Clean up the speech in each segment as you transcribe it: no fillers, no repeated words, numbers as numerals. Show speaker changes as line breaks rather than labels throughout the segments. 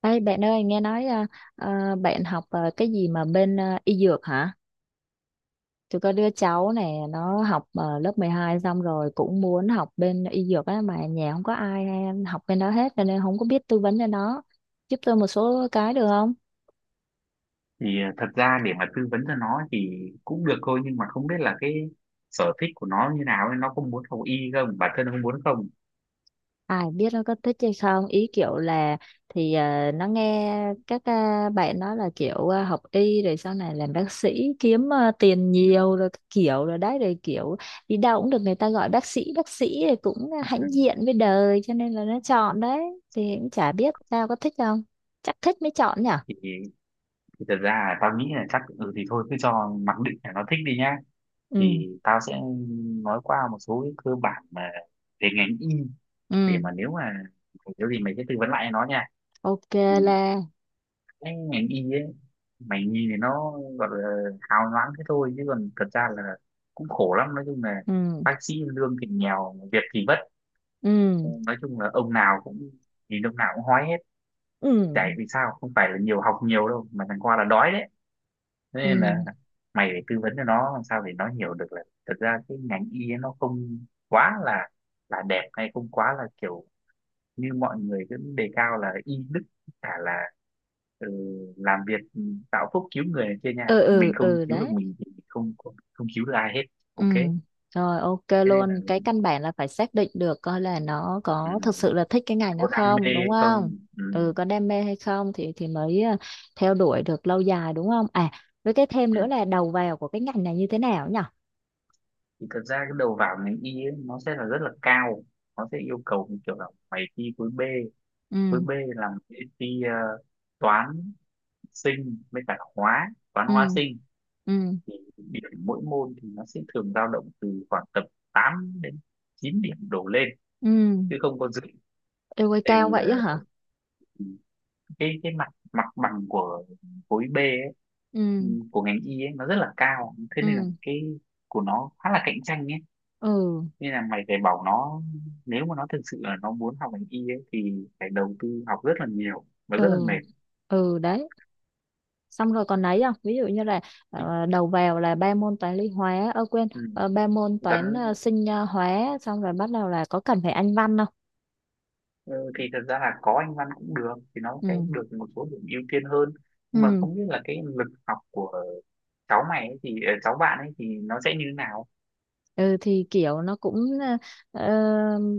Ê, bạn ơi nghe nói bạn học cái gì mà bên y dược hả? Tôi có đứa cháu này nó học lớp 12 xong rồi cũng muốn học bên y dược á, mà nhà không có ai hay học bên đó hết cho nên không có biết tư vấn cho nó. Giúp tôi một số cái được không?
Thật ra để mà tư vấn cho nó thì cũng được thôi, nhưng mà không biết là cái sở thích của nó như nào ấy, nó có muốn học y không, bản thân nó không muốn không.
Ai biết nó có thích hay không ý, kiểu là thì nó nghe các bạn nói là kiểu học y rồi sau này làm bác sĩ kiếm tiền
Ừ.
nhiều rồi các kiểu rồi đấy rồi kiểu đi đâu cũng được người ta gọi bác sĩ thì cũng hãnh diện với đời cho nên là nó chọn đấy. Thì cũng chả biết tao có thích không, chắc thích mới chọn nhở.
thì, thì thật ra là tao nghĩ là chắc ừ thì thôi cứ cho mặc định là nó thích đi nhá.
Ừ,
Thì tao sẽ nói qua một số cái cơ bản mà về ngành y, để
ừ,
mà nếu gì mày sẽ tư vấn lại cho nó nha.
ok,
Thì
là
cái ngành y ấy, mày nhìn thì nó gọi là hào nhoáng thế thôi, chứ còn thật ra là cũng khổ lắm, nói chung là.
ừ,
Bác sĩ lương thì nghèo, việc thì vất.
ừ,
Nói chung là ông nào cũng nhìn ông nào cũng hói hết.
ừ,
Chảy vì sao, không phải là nhiều học nhiều đâu mà thằng qua là đói đấy. Thế nên là
ừ,
mày phải tư vấn cho nó làm sao để nó hiểu được là thật ra cái ngành y ấy nó không quá là đẹp, hay không quá là kiểu như mọi người cứ đề cao là y đức cả, là, ừ, làm việc, tạo phúc cứu người này kia nha.
ừ,
Mình
ừ,
không
ừ,
cứu được
đấy.
mình thì mình không không, không cứu được ai hết.
Ừ,
OK, thế
rồi, ok
nên là,
luôn. Cái căn bản là phải xác định được coi là nó
ừ,
có thực sự là thích cái ngành nó
có đam mê
không, đúng không?
không,
Ừ, có đam mê hay không thì mới theo đuổi được lâu dài, đúng không? À, với cái thêm
ừ.
nữa là đầu vào của cái ngành này như thế nào nhỉ?
Thì thật ra cái đầu vào ngành y ấy, nó sẽ là rất là cao. Nó sẽ yêu cầu như kiểu là mày thi khối B. Khối
Ừ,
B là mày sẽ thi toán, sinh với cả hóa, toán
ừ,
hóa sinh.
ừ,
Thì điểm mỗi môn thì nó sẽ thường dao động từ khoảng tầm 8 đến 9 điểm đổ lên,
ừ.
chứ không có dưới.
Yêu ơi,
Tại
cao
vì
vậy
là
á hả?
cái mặt mặt bằng của khối B ấy, ừ,
Ừ,
của ngành y ấy, nó rất là cao, thế nên là
ừ,
cái của nó khá là cạnh tranh ấy.
ừ,
Nên là mày phải bảo nó, nếu mà nó thực sự là nó muốn học ngành y ấy, thì phải đầu tư học rất là nhiều và rất là
ừ,
mệt.
ừ, đấy. Xong rồi còn ấy không, ví dụ như là
Thì,
đầu vào là ba môn toán lý hóa, ơ quên,
ừ.
ba môn toán
Gắn,
sinh hóa, xong rồi bắt đầu là có cần phải anh văn không?
ừ, thì thật ra là có anh văn cũng được, thì nó sẽ
Ừ,
được một số điểm ưu tiên hơn. Nhưng mà
ừ,
không biết là cái lực học của cháu mày ấy thì cháu bạn ấy thì nó sẽ như thế nào.
ừ, thì kiểu nó cũng ờ,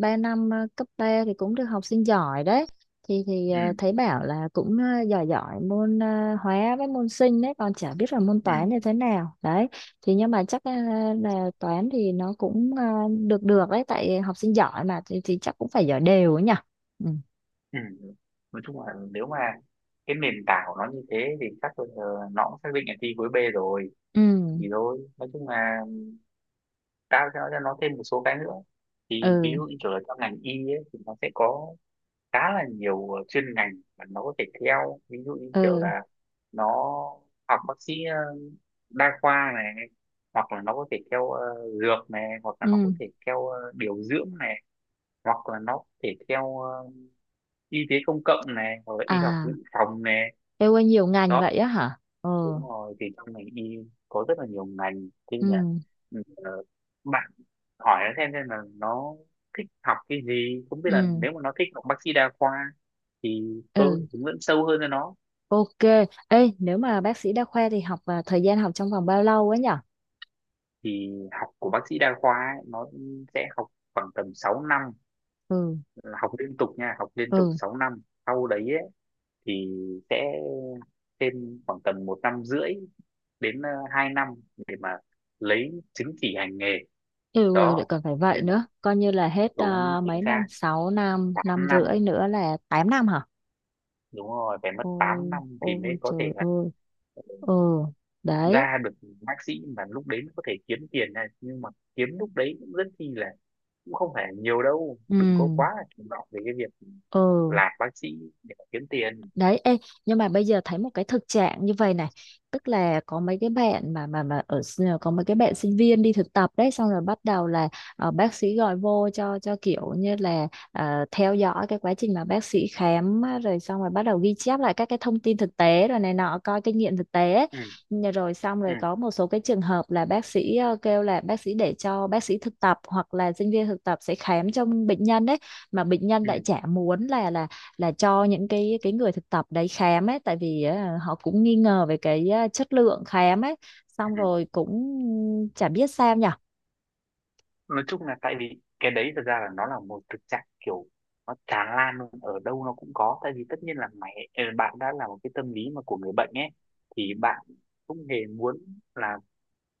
3 năm cấp 3 thì cũng được học sinh giỏi đấy. Thì
Ừ.
thấy bảo là cũng giỏi giỏi môn hóa với môn sinh đấy, còn chả biết là môn
Ừ.
toán như thế nào đấy. Thì nhưng mà chắc là toán thì nó cũng được được đấy, tại học sinh giỏi mà thì chắc cũng phải giỏi đều ấy nhỉ. Ừ,
Ừ. Nói chung là nếu mà cái nền tảng của nó như thế thì chắc là nó cũng xác định là thi khối B rồi.
ừ,
Thì thôi nói chung là, cao cho nó, cho nó thêm một số cái nữa. Thì ví
ừ,
dụ như kiểu là trong ngành y ấy, thì nó sẽ có khá là nhiều chuyên ngành mà nó có thể theo. Ví dụ như kiểu
ừ,
là nó học bác sĩ đa khoa này, hoặc là nó có thể theo dược này, hoặc là nó có
ừ.
thể theo điều dưỡng này, hoặc là nó có thể theo y tế công cộng này, hoặc là y học dự
À,
phòng này.
yêu ơi, nhiều ngành
Đó.
vậy á hả? Ồ,
Đúng rồi, thì trong ngành y có rất là nhiều ngành, thế
ừ,
nhưng mà, ừ, ờ, bạn hỏi nó xem là nó thích học cái gì. Không biết là
ừ,
nếu mà nó thích học bác sĩ đa khoa thì
ừ.
tôi hướng dẫn sâu hơn cho nó.
Ok, ê, nếu mà bác sĩ đa khoa thì học và thời gian học trong vòng bao lâu ấy nhở?
Thì học của bác sĩ đa khoa ấy, nó sẽ học khoảng tầm 6 năm,
Ừ,
là học liên tục nha, học liên tục
ừ,
6 năm. Sau đấy ấy, thì sẽ thêm khoảng tầm 1 năm rưỡi đến 2 năm để mà lấy chứng chỉ hành nghề.
ừ, rồi lại
Đó,
còn phải vậy
nên là,
nữa, coi như là hết
đúng chính
mấy năm,
xác
6 năm, năm
8 năm,
rưỡi nữa là 8 năm hả?
đúng rồi, phải mất 8
Ôi,
năm thì mới
ôi
có
trời
thể là
ơi, ừ, đấy,
ra được bác sĩ. Mà lúc đấy nó có thể kiếm tiền này, nhưng mà kiếm lúc đấy cũng rất chi là, cũng không phải nhiều đâu,
ừ,
đừng có quá là chủ động về cái việc
ừ,
làm bác sĩ để mà kiếm tiền.
đấy. Ê, nhưng mà bây giờ thấy một cái thực trạng như vậy này, tức là có mấy cái bạn mà ở có mấy cái bạn sinh viên đi thực tập đấy, xong rồi bắt đầu là bác sĩ gọi vô cho kiểu như là theo dõi cái quá trình mà bác sĩ khám á, rồi xong rồi bắt đầu ghi chép lại các cái thông tin thực tế rồi này nọ coi kinh nghiệm thực tế.
Ừ,
Nhờ rồi xong
ừ,
rồi có một số cái trường hợp là bác sĩ kêu là bác sĩ để cho bác sĩ thực tập hoặc là sinh viên thực tập sẽ khám cho bệnh nhân đấy, mà bệnh nhân
ừ,
lại chả muốn là cho những cái người thực tập đấy khám ấy, tại vì á, họ cũng nghi ngờ về cái á, chất lượng khám ấy. Xong
ừ.
rồi cũng chả biết sao nhở.
Nói chung là tại vì cái đấy thật ra là nó là một thực trạng kiểu nó tràn lan luôn, ở đâu nó cũng có. Tại vì tất nhiên là mày, bạn, đã là một cái tâm lý mà của người bệnh ấy, thì bạn không hề muốn là,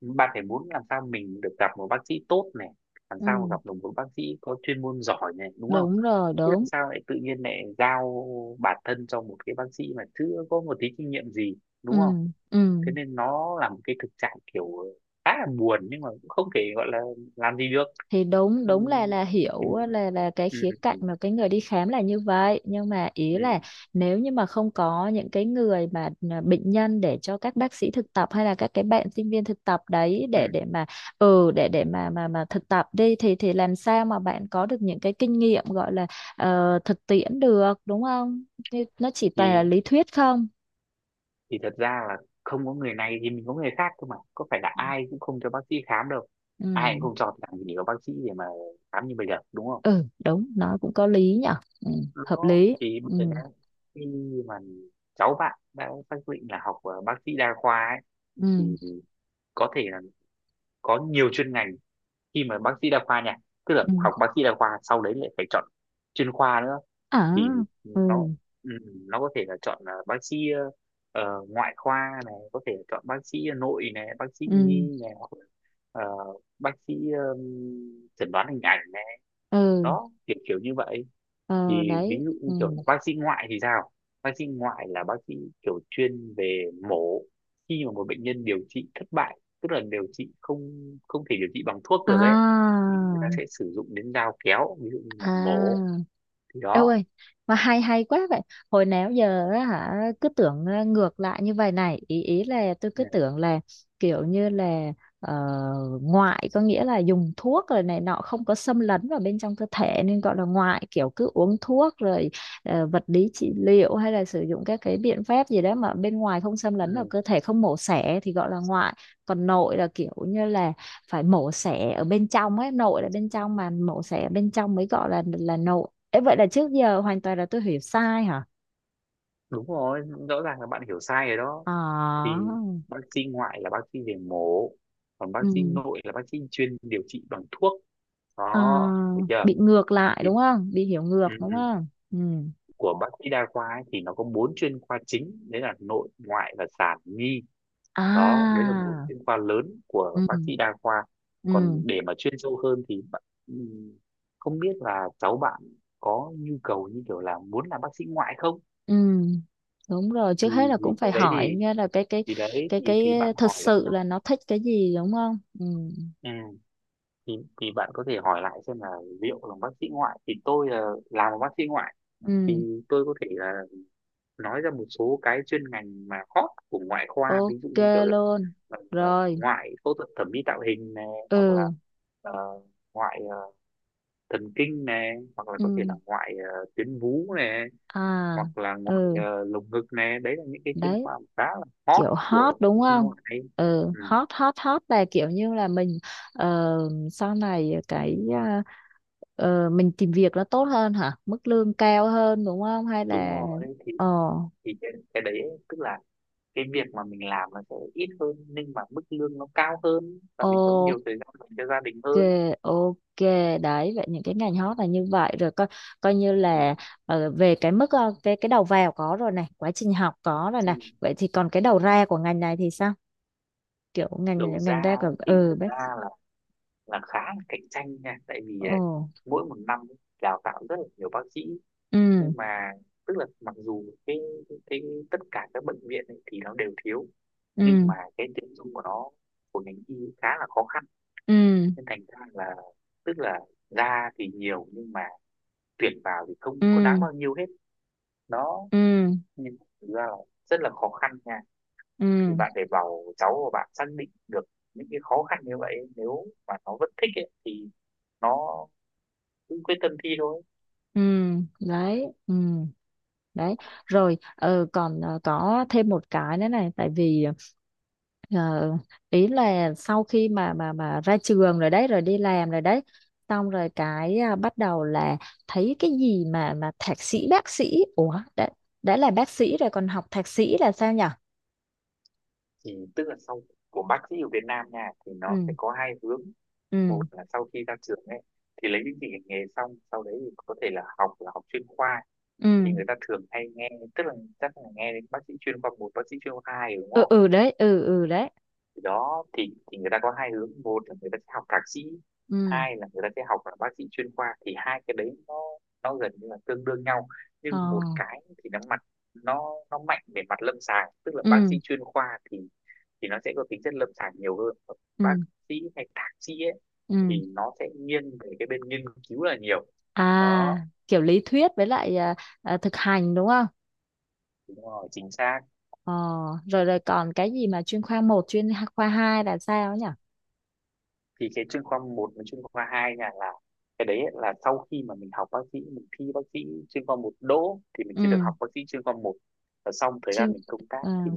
bạn phải muốn làm sao mình được gặp một bác sĩ tốt này, làm sao
Ừ,
gặp được một bác sĩ có chuyên môn giỏi này, đúng không.
đúng rồi,
Thế làm
đúng,
sao lại tự nhiên lại giao bản thân cho một cái bác sĩ mà chưa có một tí kinh nghiệm gì, đúng không?
ừ, ừ.
Thế nên nó là một cái thực trạng kiểu khá là buồn, nhưng mà cũng không thể gọi là làm gì được.
Thì đúng
Ừ,
đúng là
thì,
hiểu là cái
ừ,
khía cạnh
ừ,
mà cái người đi khám là như vậy, nhưng mà ý là
ừ,
nếu như mà không có những cái người mà bệnh nhân để cho các bác sĩ thực tập hay là các cái bạn sinh viên thực tập đấy để
ừ.
để mà, ừ, để mà thực tập đi thì làm sao mà bạn có được những cái kinh nghiệm gọi là thực tiễn được, đúng không? Thì nó chỉ toàn là
Thì,
lý thuyết không.
thì thật ra là không có người này thì mình có người khác thôi mà. Có phải là ai cũng không cho bác sĩ khám đâu.
Ừ,
Ai cũng không cho, làm gì có bác sĩ để mà khám như bây giờ đúng không?
ừ, đúng, nó cũng có lý nhở. Ừ, hợp
Nó
lý.
thì bây
Ừ,
giờ đang, khi mà cháu bạn đã xác định là học bác sĩ đa khoa ấy,
ừ,
thì có thể là có nhiều chuyên ngành khi mà bác sĩ đa khoa nha. Tức là
ừ,
học bác sĩ đa khoa sau đấy lại phải chọn chuyên khoa nữa.
à,
Thì
ừ,
nó ừ, nó có thể là chọn là bác sĩ ngoại khoa này, có thể là chọn bác sĩ nội này, bác sĩ
ừ,
nhi này, hoặc là ờ, bác sĩ chẩn đoán hình ảnh này.
ừ,
Đó, kiểu kiểu như vậy.
ờ
Thì ví
đấy,
dụ
ừ,
như kiểu là bác sĩ ngoại thì sao. Bác sĩ ngoại là bác sĩ kiểu chuyên về mổ, khi mà một bệnh nhân điều trị thất bại, tức là điều trị không không thể điều trị bằng thuốc được ấy,
à,
thì người ta sẽ sử dụng đến dao kéo, ví dụ như là
à.
mổ. Thì
Đâu
đó.
ơi, mà hay hay quá vậy. Hồi nào giờ á hả, cứ tưởng ngược lại như vậy này, ý ý là tôi cứ
Ừ.
tưởng là kiểu như là ờ, ngoại có nghĩa là dùng thuốc rồi này nọ không có xâm lấn vào bên trong cơ thể nên gọi là ngoại, kiểu cứ uống thuốc rồi vật lý trị liệu hay là sử dụng các cái biện pháp gì đó mà bên ngoài không xâm lấn vào
Ừ,
cơ thể không mổ xẻ thì gọi là ngoại. Còn nội là kiểu như là phải mổ xẻ ở bên trong ấy, nội là bên trong mà mổ xẻ ở bên trong mới gọi là nội. Ê, vậy là trước giờ hoàn toàn là tôi hiểu sai hả?
đúng rồi, rõ ràng là bạn hiểu sai rồi đó.
À,
Thì bác sĩ ngoại là bác sĩ về mổ, còn bác sĩ
ừ.
nội là bác sĩ chuyên điều trị bằng thuốc.
À,
Đó, được chưa.
bị ngược lại
Thì
đúng không? Bị hiểu ngược
ừ.
đúng không? Ừ.
của bác sĩ đa khoa ấy, thì nó có bốn chuyên khoa chính, đấy là nội, ngoại và sản nhi. Đó, đấy là bốn
À,
chuyên khoa lớn của
ừ,
bác sĩ đa khoa. Còn
ừ,
để mà chuyên sâu hơn thì ừm, không biết là cháu bạn có nhu cầu như kiểu là muốn làm bác sĩ ngoại không.
ừ. Đúng rồi, trước hết là
Thì
cũng
cái
phải hỏi nha, là cái cái
đấy
cái
thì
cái
bạn
thật
hỏi là,
sự là nó thích cái gì đúng không? Ừ.
ừ, thì thì bạn có thể hỏi lại xem là liệu làm bác sĩ ngoại, thì tôi là làm bác sĩ ngoại
Ừ,
thì tôi có thể là nói ra một số cái chuyên ngành mà hot của ngoại khoa. Ví dụ
ok
như kiểu là
luôn. Rồi,
ngoại phẫu thuật thẩm mỹ tạo hình này, hoặc là
ừ,
ờ, ngoại thần kinh này, hoặc là có thể
ừ.
là ngoại tuyến vú này,
À,
hoặc là ngoại
ừ.
lồng ngực này. Đấy là những cái chuyên
Đấy,
khoa mà khá là hot
kiểu hot
của
đúng
bên
không?
ngoại.
Ừ,
Ừ,
hot hot hot là kiểu như là mình ờ, sau này cái mình tìm việc nó tốt hơn hả, mức lương cao hơn đúng không, hay
đúng
là
rồi, thì
ờ
thì cái đấy tức là cái việc mà mình làm nó sẽ ít hơn, nhưng mà mức lương nó cao hơn, và mình có nhiều
ok,
thời gian dành cho gia đình hơn.
ok, đấy vậy những cái ngành hot là như vậy rồi, coi coi như
Ừ.
là về cái mức cái đầu vào có rồi này, quá trình học có rồi
Ừ.
này, vậy thì còn cái đầu ra của ngành này thì sao? Kiểu
Đầu
ngành
ra
ngành ra của,
ấy, thì
ừ,
thật
bác,
ra là khá là cạnh tranh nha, tại vì
ừ,
ấy, mỗi một năm ấy, đào tạo rất là nhiều bác sĩ. Nhưng
ừ,
mà tức là mặc dù cái tất cả các bệnh viện ấy, thì nó đều thiếu, nhưng
ừ,
mà cái tuyển dụng của nó, của ngành y khá là khó khăn.
ừ,
Nên thành ra là, tức là ra thì nhiều nhưng mà tuyển vào thì
ừ,
không có đáng bao nhiêu hết. Nó
ừ,
nhưng thực ra là rất là khó khăn nha.
ừ,
Thì bạn phải bảo cháu của bạn xác định được những cái khó khăn như vậy, nếu mà nó vẫn thích ấy, thì nó cứ quyết tâm thi thôi.
ừ, đấy, ừ, đấy. Rồi, còn có thêm một cái nữa này, tại vì ờ, ý là sau khi mà ra trường rồi đấy, rồi đi làm rồi đấy, xong rồi cái bắt đầu là thấy cái gì mà thạc sĩ bác sĩ, ủa, đã là bác sĩ rồi còn học thạc sĩ là sao nhở?
Thì tức là sau của bác sĩ ở Việt Nam nha, thì nó sẽ
Ừ,
có hai hướng. Một
ừ,
là sau khi ra trường ấy thì lấy chứng chỉ hành nghề xong, sau đấy thì có thể là học, là học chuyên khoa.
ừ,
Thì người ta thường hay nghe, tức là chắc là nghe đến bác sĩ chuyên khoa một, bác sĩ chuyên khoa hai, đúng
ừ,
không.
ừ, đấy, ừ, ừ, đấy,
Thì đó, thì người ta có hai hướng, một là người ta sẽ học thạc sĩ,
ừ,
hai là người ta sẽ học là bác sĩ chuyên khoa. Thì hai cái đấy nó gần như là tương đương nhau.
ờ
Nhưng một cái thì nó mạnh về mặt lâm sàng, tức là bác sĩ
ừ,
chuyên khoa thì nó sẽ có tính chất lâm sàng nhiều hơn. Còn bác
ừ,
sĩ hay thạc sĩ ấy
ừ.
thì nó sẽ nghiêng về cái bên nghiên cứu là nhiều. Đó.
À, kiểu lý thuyết với lại thực hành đúng không?
Đúng rồi chính xác.
Ờ, rồi rồi còn cái gì mà chuyên khoa một, chuyên khoa 2 là sao nhỉ?
Thì cái chuyên khoa một và chuyên khoa 2 nha, là cái đấy là sau khi mà mình học bác sĩ, mình thi bác sĩ chuyên khoa một đỗ thì mình sẽ được
Ừ,
học bác sĩ chuyên khoa một. Và xong thời
chuyên
gian mình công tác
ờ
thì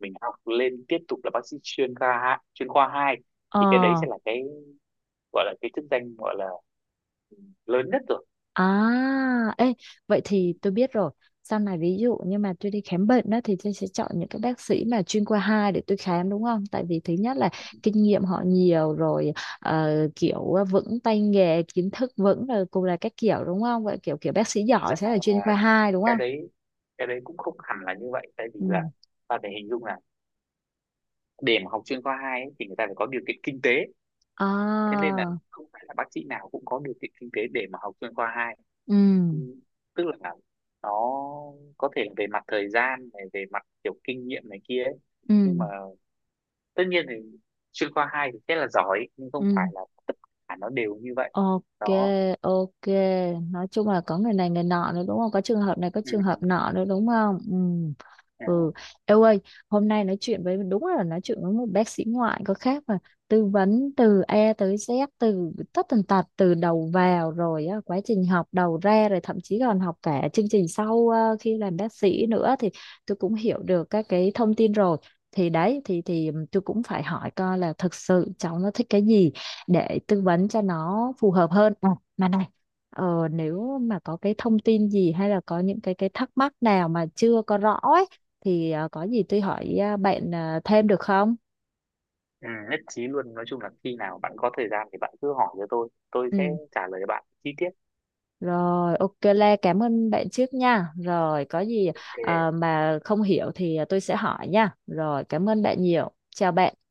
mình học lên tiếp tục là bác sĩ chuyên khoa hai.
ờ
Thì cái đấy sẽ là cái gọi là cái chức danh gọi là ừ, lớn nhất rồi.
à, ê, vậy
Ừ,
thì tôi biết rồi. Sau này ví dụ như mà tôi đi khám bệnh đó thì tôi sẽ chọn những cái bác sĩ mà chuyên khoa 2 để tôi khám đúng không? Tại vì thứ nhất là kinh nghiệm họ nhiều rồi, kiểu vững tay nghề, kiến thức vững rồi cùng là các kiểu đúng không? Vậy kiểu kiểu bác sĩ
thực
giỏi
ra
sẽ là chuyên khoa
là
2 đúng
cái
không?
đấy cái đấy cũng không hẳn là như vậy, tại vì
Ừ.
là, ta phải hình dung là để mà học chuyên khoa 2 ấy, thì người ta phải có điều kiện kinh tế. Thế nên là
À,
không phải là bác sĩ nào cũng có điều kiện kinh tế để mà học chuyên khoa hai. Ừ,
ừ,
tức là nó có thể về mặt thời gian này, về mặt kiểu kinh nghiệm này kia ấy.
ừ,
Nhưng mà tất nhiên thì chuyên khoa 2 thì rất là giỏi nhưng không phải
ừ.
là tất cả nó đều như vậy.
Ok,
Đó.
ok. Nói chung là có người này người nọ nữa đúng không? Có trường hợp này, có
Ừ,
trường hợp nọ nữa đúng không? Ừ.
ừ,
Ừ. Eo ơi, hôm nay nói chuyện với, đúng là nói chuyện với một bác sĩ ngoại có khác mà, tư vấn từ A tới Z, từ tất tần tật, từ đầu vào rồi á, quá trình học, đầu ra rồi, thậm chí còn học cả chương trình sau khi làm bác sĩ nữa, thì tôi cũng hiểu được các cái thông tin rồi. Thì đấy, thì tôi cũng phải hỏi coi là thực sự cháu nó thích cái gì để tư vấn cho nó phù hợp hơn. À, mà này, nếu mà có cái thông tin gì hay là có những cái thắc mắc nào mà chưa có rõ ấy thì có gì tôi hỏi bạn thêm được không?
ừ, nhất trí luôn. Nói chung là khi nào bạn có thời gian thì bạn cứ hỏi cho tôi sẽ
Ừ,
trả lời bạn chi tiết.
rồi ok Lê, cảm ơn bạn trước nha, rồi có gì
OK.
mà không hiểu thì tôi sẽ hỏi nha, rồi cảm ơn bạn nhiều, chào bạn.